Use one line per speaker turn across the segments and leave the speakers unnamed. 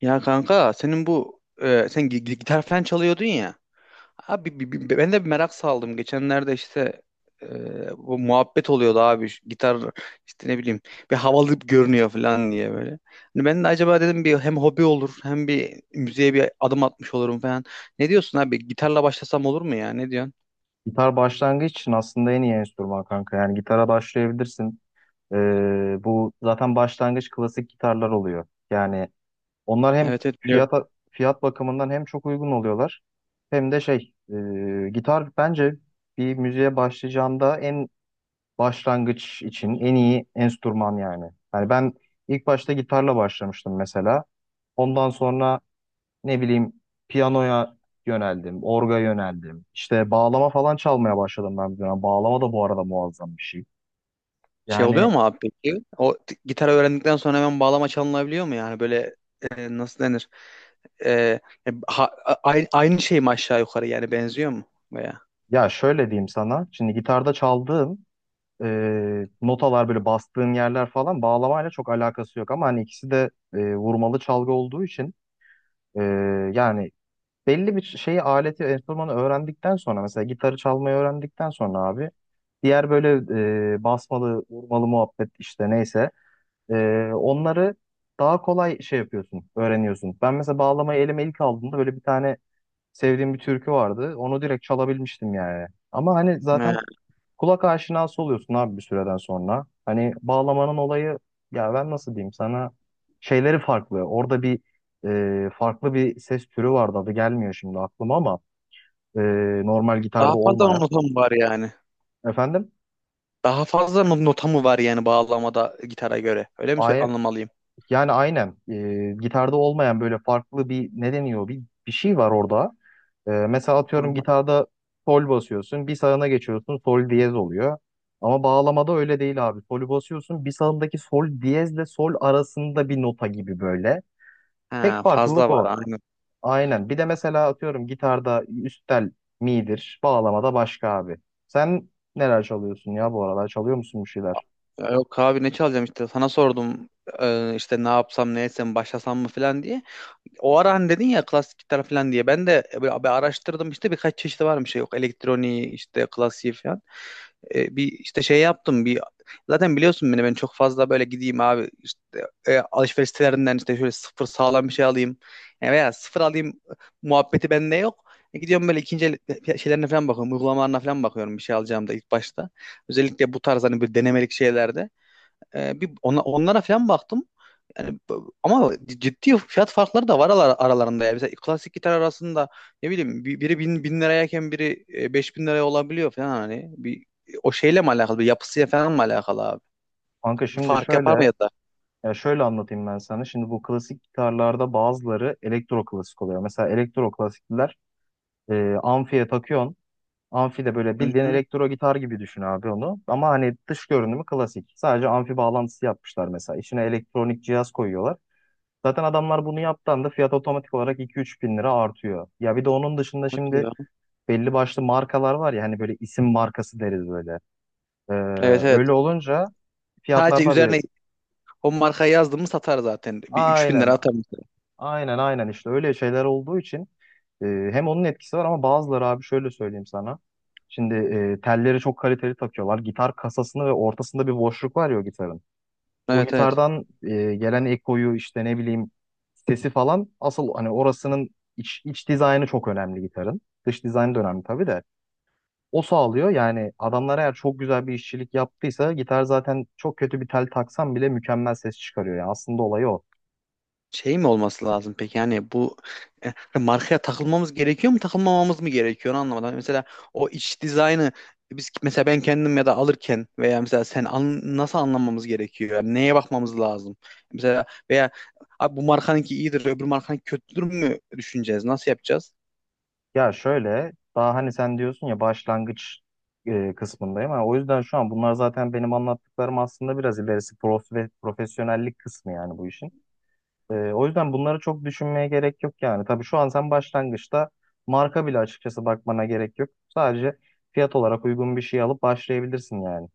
Ya kanka senin bu sen gitar falan çalıyordun ya. Abi ben de bir merak saldım. Geçenlerde işte bu muhabbet oluyordu abi. Şu gitar işte ne bileyim bir havalı görünüyor falan diye böyle. Hani ben de acaba dedim bir hem hobi olur hem bir müziğe bir adım atmış olurum falan. Ne diyorsun abi? Gitarla başlasam olur mu ya? Ne diyorsun?
Gitar başlangıç için aslında en iyi enstrüman kanka. Yani gitara başlayabilirsin. Bu zaten başlangıç klasik gitarlar oluyor. Yani onlar hem
Evet, evet, biliyorum.
fiyat fiyat bakımından hem çok uygun oluyorlar, hem de şey, gitar bence bir müziğe başlayacağında en başlangıç için en iyi enstrüman yani. Yani ben ilk başta gitarla başlamıştım mesela. Ondan sonra ne bileyim piyanoya yöneldim, orga yöneldim. İşte bağlama falan çalmaya başladım ben bir dönem. Bağlama da bu arada muazzam bir şey.
Şey oluyor
Yani
mu abi peki? Gitar öğrendikten sonra hemen bağlama çalınabiliyor mu yani? Böyle nasıl denir? e, Aynı, şey mi aşağı yukarı yani benziyor mu veya?
ya şöyle diyeyim sana. Şimdi gitarda çaldığım notalar, böyle bastığın yerler falan, bağlamayla çok alakası yok. Ama hani ikisi de vurmalı çalgı olduğu için, e, yani belli bir şeyi, aleti, enstrümanı öğrendikten sonra, mesela gitarı çalmayı öğrendikten sonra abi, diğer böyle basmalı vurmalı muhabbet, işte neyse, onları daha kolay şey yapıyorsun, öğreniyorsun. Ben mesela bağlamayı elime ilk aldığımda, böyle bir tane sevdiğim bir türkü vardı. Onu direkt çalabilmiştim yani. Ama hani zaten
He.
kulak aşinası oluyorsun abi bir süreden sonra. Hani bağlamanın olayı, ya ben nasıl diyeyim sana, şeyleri farklı. Orada bir, farklı bir ses türü vardı, adı gelmiyor şimdi aklıma, ama e, normal
Daha
gitarda
fazla
olmayan.
nota mı var yani?
Efendim?
Daha fazla nota mı var yani bağlamada gitara göre? Öyle mi
Ay-
anlamalıyım?
yani aynen, gitarda olmayan böyle farklı bir, ne deniyor, bir şey var orada. Mesela atıyorum,
Anladım.
gitarda sol basıyorsun. Bir sağına geçiyorsun, sol diyez oluyor. Ama bağlamada öyle değil abi. Solü basıyorsun, bir sağındaki sol diyezle sol arasında bir nota gibi böyle. Tek
Ha, fazla
farklılık
var
o.
aynen.
Aynen. Bir de mesela atıyorum, gitarda üst tel mi'dir. Bağlamada başka abi. Sen neler çalıyorsun ya bu aralar? Çalıyor musun bir şeyler?
Ya yok abi, ne çalacağım, işte sana sordum işte ne yapsam ne etsem başlasam mı falan diye. O ara hani dedin ya klasik gitar falan diye. Ben de böyle bir araştırdım, işte birkaç çeşidi varmış. Yok elektroniği, işte klasiği falan. Bir işte şey yaptım, bir zaten biliyorsun beni, ben çok fazla böyle gideyim abi işte alışveriş sitelerinden işte şöyle sıfır sağlam bir şey alayım. E, veya sıfır alayım muhabbeti bende yok. E, gidiyorum böyle ikinci el şeylerine falan bakıyorum. Uygulamalarına falan bakıyorum, bir şey alacağım da ilk başta. Özellikle bu tarz hani bir denemelik şeylerde. E, bir ona, onlara falan baktım. Yani ama ciddi fiyat farkları da var aralarında. Yani mesela klasik gitar arasında ne bileyim biri bin, bin lirayken biri beş bin liraya olabiliyor falan hani. Bir, o şeyle mi alakalı? Bir yapısıyla falan mı alakalı abi?
Kanka
Bir
şimdi
fark
şöyle,
yapar mı ya da?
ya şöyle anlatayım ben sana. Şimdi bu klasik gitarlarda bazıları elektro klasik oluyor. Mesela elektro klasikler, amfiye takıyorsun. Amfi de böyle
Hı
bildiğin
hı.
elektro gitar gibi düşün abi onu. Ama hani dış görünümü klasik. Sadece amfi bağlantısı yapmışlar mesela. İçine elektronik cihaz koyuyorlar. Zaten adamlar bunu yaptığında da fiyat otomatik olarak 2-3 bin lira artıyor. Ya bir de onun dışında
O
şimdi
diyor.
belli başlı markalar var ya, hani böyle isim markası deriz böyle. Ee,
Evet, evet.
öyle olunca fiyatlar
Sadece
tabii.
üzerine o markayı yazdım mı satar zaten. Bir 3000
Aynen.
lira atar mesela.
Aynen, işte öyle şeyler olduğu için, hem onun etkisi var, ama bazıları abi şöyle söyleyeyim sana. Şimdi telleri çok kaliteli takıyorlar. Gitar kasasını, ve ortasında bir boşluk var ya o gitarın. O
Evet, evet.
gitardan gelen ekoyu, işte ne bileyim sesi falan, asıl hani orasının, iç dizaynı çok önemli gitarın. Dış dizaynı da önemli tabii de. O sağlıyor yani. Adamlar eğer çok güzel bir işçilik yaptıysa gitar, zaten çok kötü bir tel taksan bile mükemmel ses çıkarıyor. Yani aslında olayı o.
Şey mi olması lazım peki, yani bu markaya takılmamız gerekiyor mu, takılmamamız mı gerekiyor, onu anlamadım. Hani mesela o iç dizaynı, biz mesela ben kendim ya da alırken veya mesela sen nasıl anlamamız gerekiyor? Yani neye bakmamız lazım? Mesela veya abi bu markanınki iyidir öbür markanınki kötüdür mü düşüneceğiz? Nasıl yapacağız?
Ya şöyle, daha hani sen diyorsun ya başlangıç kısmındayım. Ha, o yüzden şu an bunlar, zaten benim anlattıklarım aslında biraz ilerisi, profesyonellik kısmı yani bu işin. O yüzden bunları çok düşünmeye gerek yok yani. Tabii şu an sen başlangıçta marka bile açıkçası bakmana gerek yok. Sadece fiyat olarak uygun bir şey alıp başlayabilirsin yani.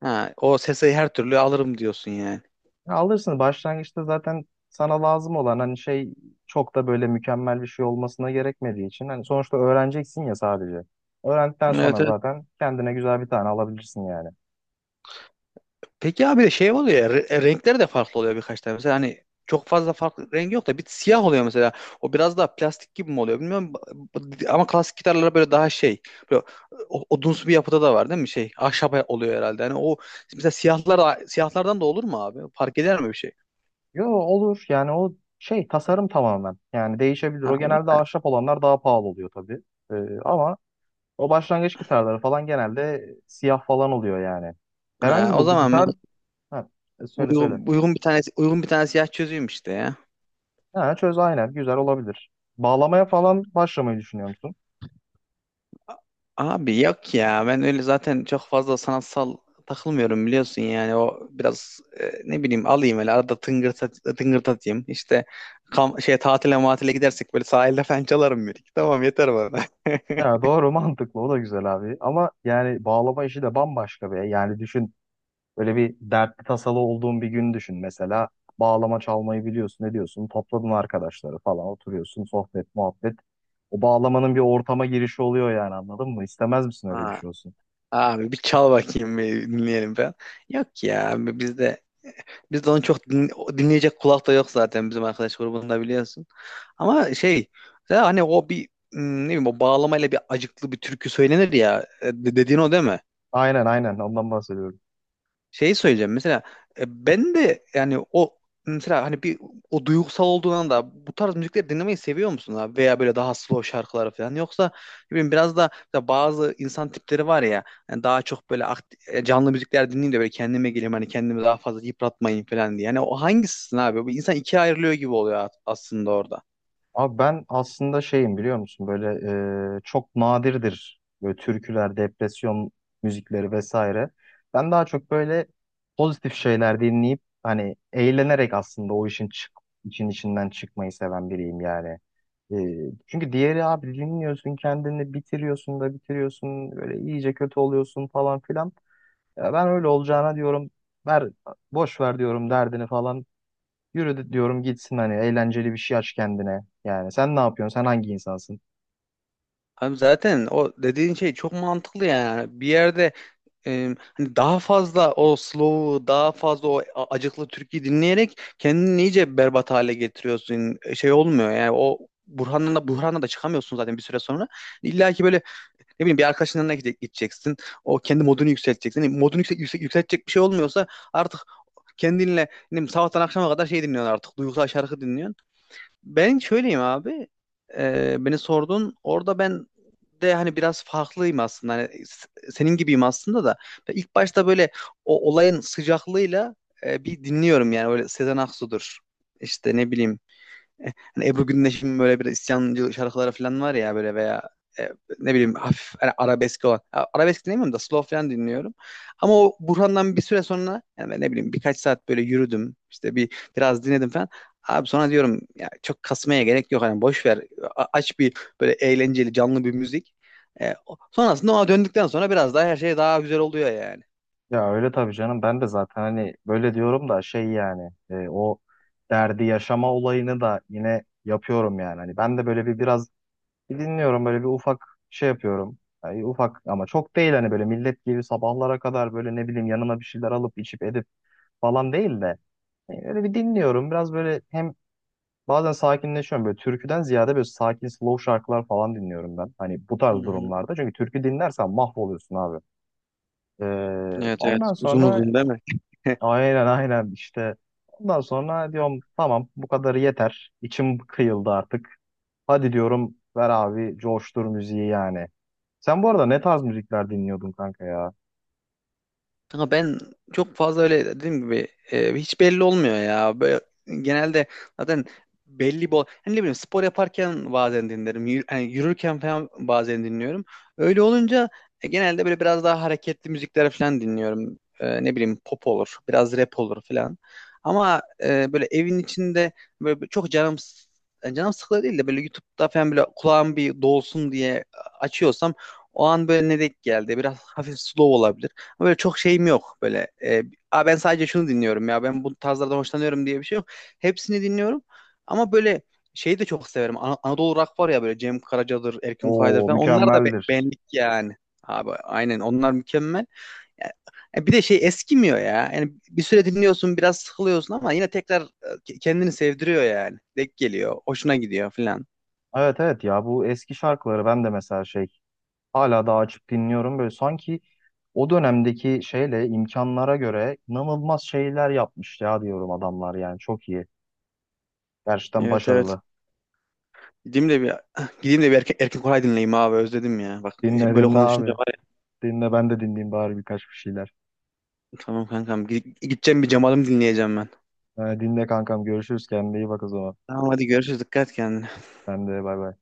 Ha, o sesi her türlü alırım diyorsun yani.
Ya alırsın, başlangıçta zaten sana lazım olan hani şey, çok da böyle mükemmel bir şey olmasına gerekmediği için, hani sonuçta öğreneceksin ya sadece. Öğrendikten
Evet,
sonra
evet.
zaten kendine güzel bir tane alabilirsin yani.
Peki abi şey oluyor ya, renkleri de farklı oluyor birkaç tane. Mesela hani çok fazla farklı rengi yok da bir siyah oluyor mesela. O biraz daha plastik gibi mi oluyor bilmiyorum. Ama klasik gitarlara böyle daha şey. Böyle odunsu bir yapıda da var değil mi? Şey ahşap oluyor herhalde. Hani o mesela siyahlar siyahlardan da olur mu abi? Fark eder mi bir şey?
Yo, olur yani, o şey tasarım tamamen yani değişebilir.
Ha
O
öyle.
genelde ahşap olanlar daha pahalı oluyor tabii. Ama o başlangıç gitarları falan genelde siyah falan oluyor yani. Herhangi
Ha, o
bu
zaman ben
gitar, ha, söyle söyle.
uygun bir tane siyah çözeyim işte ya.
Ha, çöz, aynen, güzel olabilir. Bağlamaya falan başlamayı düşünüyor musun?
Abi yok ya, ben öyle zaten çok fazla sanatsal takılmıyorum biliyorsun, yani o biraz ne bileyim alayım öyle arada tıngırt, tıngırt atayım işte, şey tatile matile gidersek böyle sahilde falan çalarım bir iki, tamam yeter bana.
Ya doğru, mantıklı, o da güzel abi, ama yani bağlama işi de bambaşka be. Yani düşün, böyle bir dertli tasalı olduğun bir gün düşün mesela, bağlama çalmayı biliyorsun, ne diyorsun, topladın arkadaşları falan, oturuyorsun sohbet muhabbet, o bağlamanın bir ortama girişi oluyor yani, anladın mı, istemez misin öyle bir
Ha,
şey olsun.
abi bir çal bakayım bir dinleyelim falan. Yok ya abi bizde onu çok dinleyecek kulak da yok zaten bizim arkadaş grubunda biliyorsun. Ama şey, ya hani o bir ne bileyim, o bağlamayla bir acıklı bir türkü söylenir ya. E, dediğin o değil mi?
Aynen, aynen, ondan bahsediyorum.
Şey söyleyeceğim mesela, ben de yani o mesela hani bir, o duygusal olduğundan da bu tarz müzikleri dinlemeyi seviyor musun abi? Veya böyle daha slow şarkıları falan, yoksa ne bileyim biraz da mesela bazı insan tipleri var ya, yani daha çok böyle canlı müzikler dinleyeyim de böyle kendime geleyim, hani kendimi daha fazla yıpratmayayım falan diye. Yani o hangisisin abi? Bu insan ikiye ayrılıyor gibi oluyor aslında orada.
Abi ben aslında şeyim biliyor musun, böyle çok nadirdir böyle türküler, depresyon müzikleri vesaire. Ben daha çok böyle pozitif şeyler dinleyip, hani eğlenerek aslında o işin için, içinden çıkmayı seven biriyim yani. E, çünkü diğeri, abi dinliyorsun, kendini bitiriyorsun da bitiriyorsun, böyle iyice kötü oluyorsun falan filan. Ya ben öyle olacağına diyorum ver boş ver diyorum derdini falan. Diyorum gitsin, hani eğlenceli bir şey aç kendine. Yani sen ne yapıyorsun? Sen hangi insansın?
Abi zaten o dediğin şey çok mantıklı yani. Bir yerde hani daha fazla o slow'u, daha fazla o acıklı türküyü dinleyerek kendini iyice berbat hale getiriyorsun. E, şey olmuyor yani o Burhan'la da çıkamıyorsun zaten bir süre sonra. İlla ki böyle ne bileyim bir arkadaşın yanına gideceksin. O kendi modunu yükselteceksin. Yani modunu yükseltecek bir şey olmuyorsa artık kendinle ne bileyim, sabahtan akşama kadar şey dinliyorsun artık. Duygusal şarkı dinliyorsun. Ben şöyleyim abi. Beni sordun. Orada ben de hani biraz farklıyım aslında. Hani senin gibiyim aslında da. Ben ilk başta böyle o olayın sıcaklığıyla bir dinliyorum yani. Öyle Sezen Aksu'dur. İşte ne bileyim. E, hani Ebru Gündeş'in böyle bir isyancı şarkıları falan var ya böyle, veya e, ne bileyim hafif hani arabesk olan. Ha, arabesk dinlemiyorum da slow falan dinliyorum. Ama o Burhan'dan bir süre sonra yani ben ne bileyim birkaç saat böyle yürüdüm, işte bir biraz dinledim falan. Abi sonra diyorum ya çok kasmaya gerek yok hani, boş ver. Aç bir böyle eğlenceli canlı bir müzik. E, sonrasında ona döndükten sonra biraz daha her şey daha güzel oluyor yani.
Ya öyle tabii canım, ben de zaten hani böyle diyorum da şey yani, o derdi yaşama olayını da yine yapıyorum yani. Hani ben de böyle biraz bir dinliyorum, böyle bir ufak şey yapıyorum. Yani ufak ama çok değil, hani böyle millet gibi sabahlara kadar böyle ne bileyim, yanıma bir şeyler alıp içip edip falan değil de, öyle bir dinliyorum. Biraz böyle hem. Bazen sakinleşiyorum, böyle türküden ziyade, böyle sakin slow şarkılar falan dinliyorum ben. Hani bu
Hı
tarz
hı.
durumlarda. Çünkü türkü dinlersen mahvoluyorsun abi.
Evet, evet,
Ondan
uzun
sonra,
uzun değil mi?
aynen, aynen, işte ondan sonra diyorum, tamam bu kadarı yeter. İçim kıyıldı artık. Hadi diyorum, ver abi coştur müziği yani. Sen bu arada ne tarz müzikler dinliyordun kanka ya?
Kanka ben çok fazla öyle dediğim gibi hiç belli olmuyor ya. Böyle, genelde zaten belli bol. Hani ne bileyim spor yaparken bazen dinlerim. Hani yürürken falan bazen dinliyorum. Öyle olunca genelde böyle biraz daha hareketli müzikler falan dinliyorum. E, ne bileyim pop olur, biraz rap olur falan. Ama böyle evin içinde böyle çok canım yani canım sıkılıyor değil de böyle YouTube'da falan böyle kulağım bir dolsun diye açıyorsam, o an böyle ne denk geldi. Biraz hafif slow olabilir. Ama böyle çok şeyim yok böyle. E, "Aa, ben sadece şunu dinliyorum ya, ben bu tarzlardan hoşlanıyorum" diye bir şey yok. Hepsini dinliyorum ama böyle şeyi de çok severim. Anadolu Rock var ya böyle, Cem Karaca'dır, Erkin Koray'dır
Oo,
falan, onlar da
mükemmeldir.
benlik yani. Abi aynen onlar mükemmel. E, bir de şey eskimiyor ya. Yani bir süre dinliyorsun biraz sıkılıyorsun ama yine tekrar kendini sevdiriyor yani. Denk geliyor, hoşuna gidiyor falan.
Evet, evet, ya bu eski şarkıları ben de mesela şey, Hala daha açıp dinliyorum. Böyle sanki o dönemdeki şeyle, imkanlara göre inanılmaz şeyler yapmış ya, diyorum adamlar, yani çok iyi. Gerçekten
Evet, evet.
başarılı.
Gideyim de bir gideyim de bir Erkin Koray dinleyeyim abi, özledim ya. Bak
Dinle
böyle
dinle
konuşunca
abi.
var ya.
Dinle, ben de dinleyeyim bari birkaç bir şeyler.
Tamam kankam. Gideceğim, bir Cemal'im dinleyeceğim ben.
Ha, dinle kankam, görüşürüz, kendine iyi bak o zaman.
Tamam hadi görüşürüz. Dikkat et kendine.
Ben de, bay bay.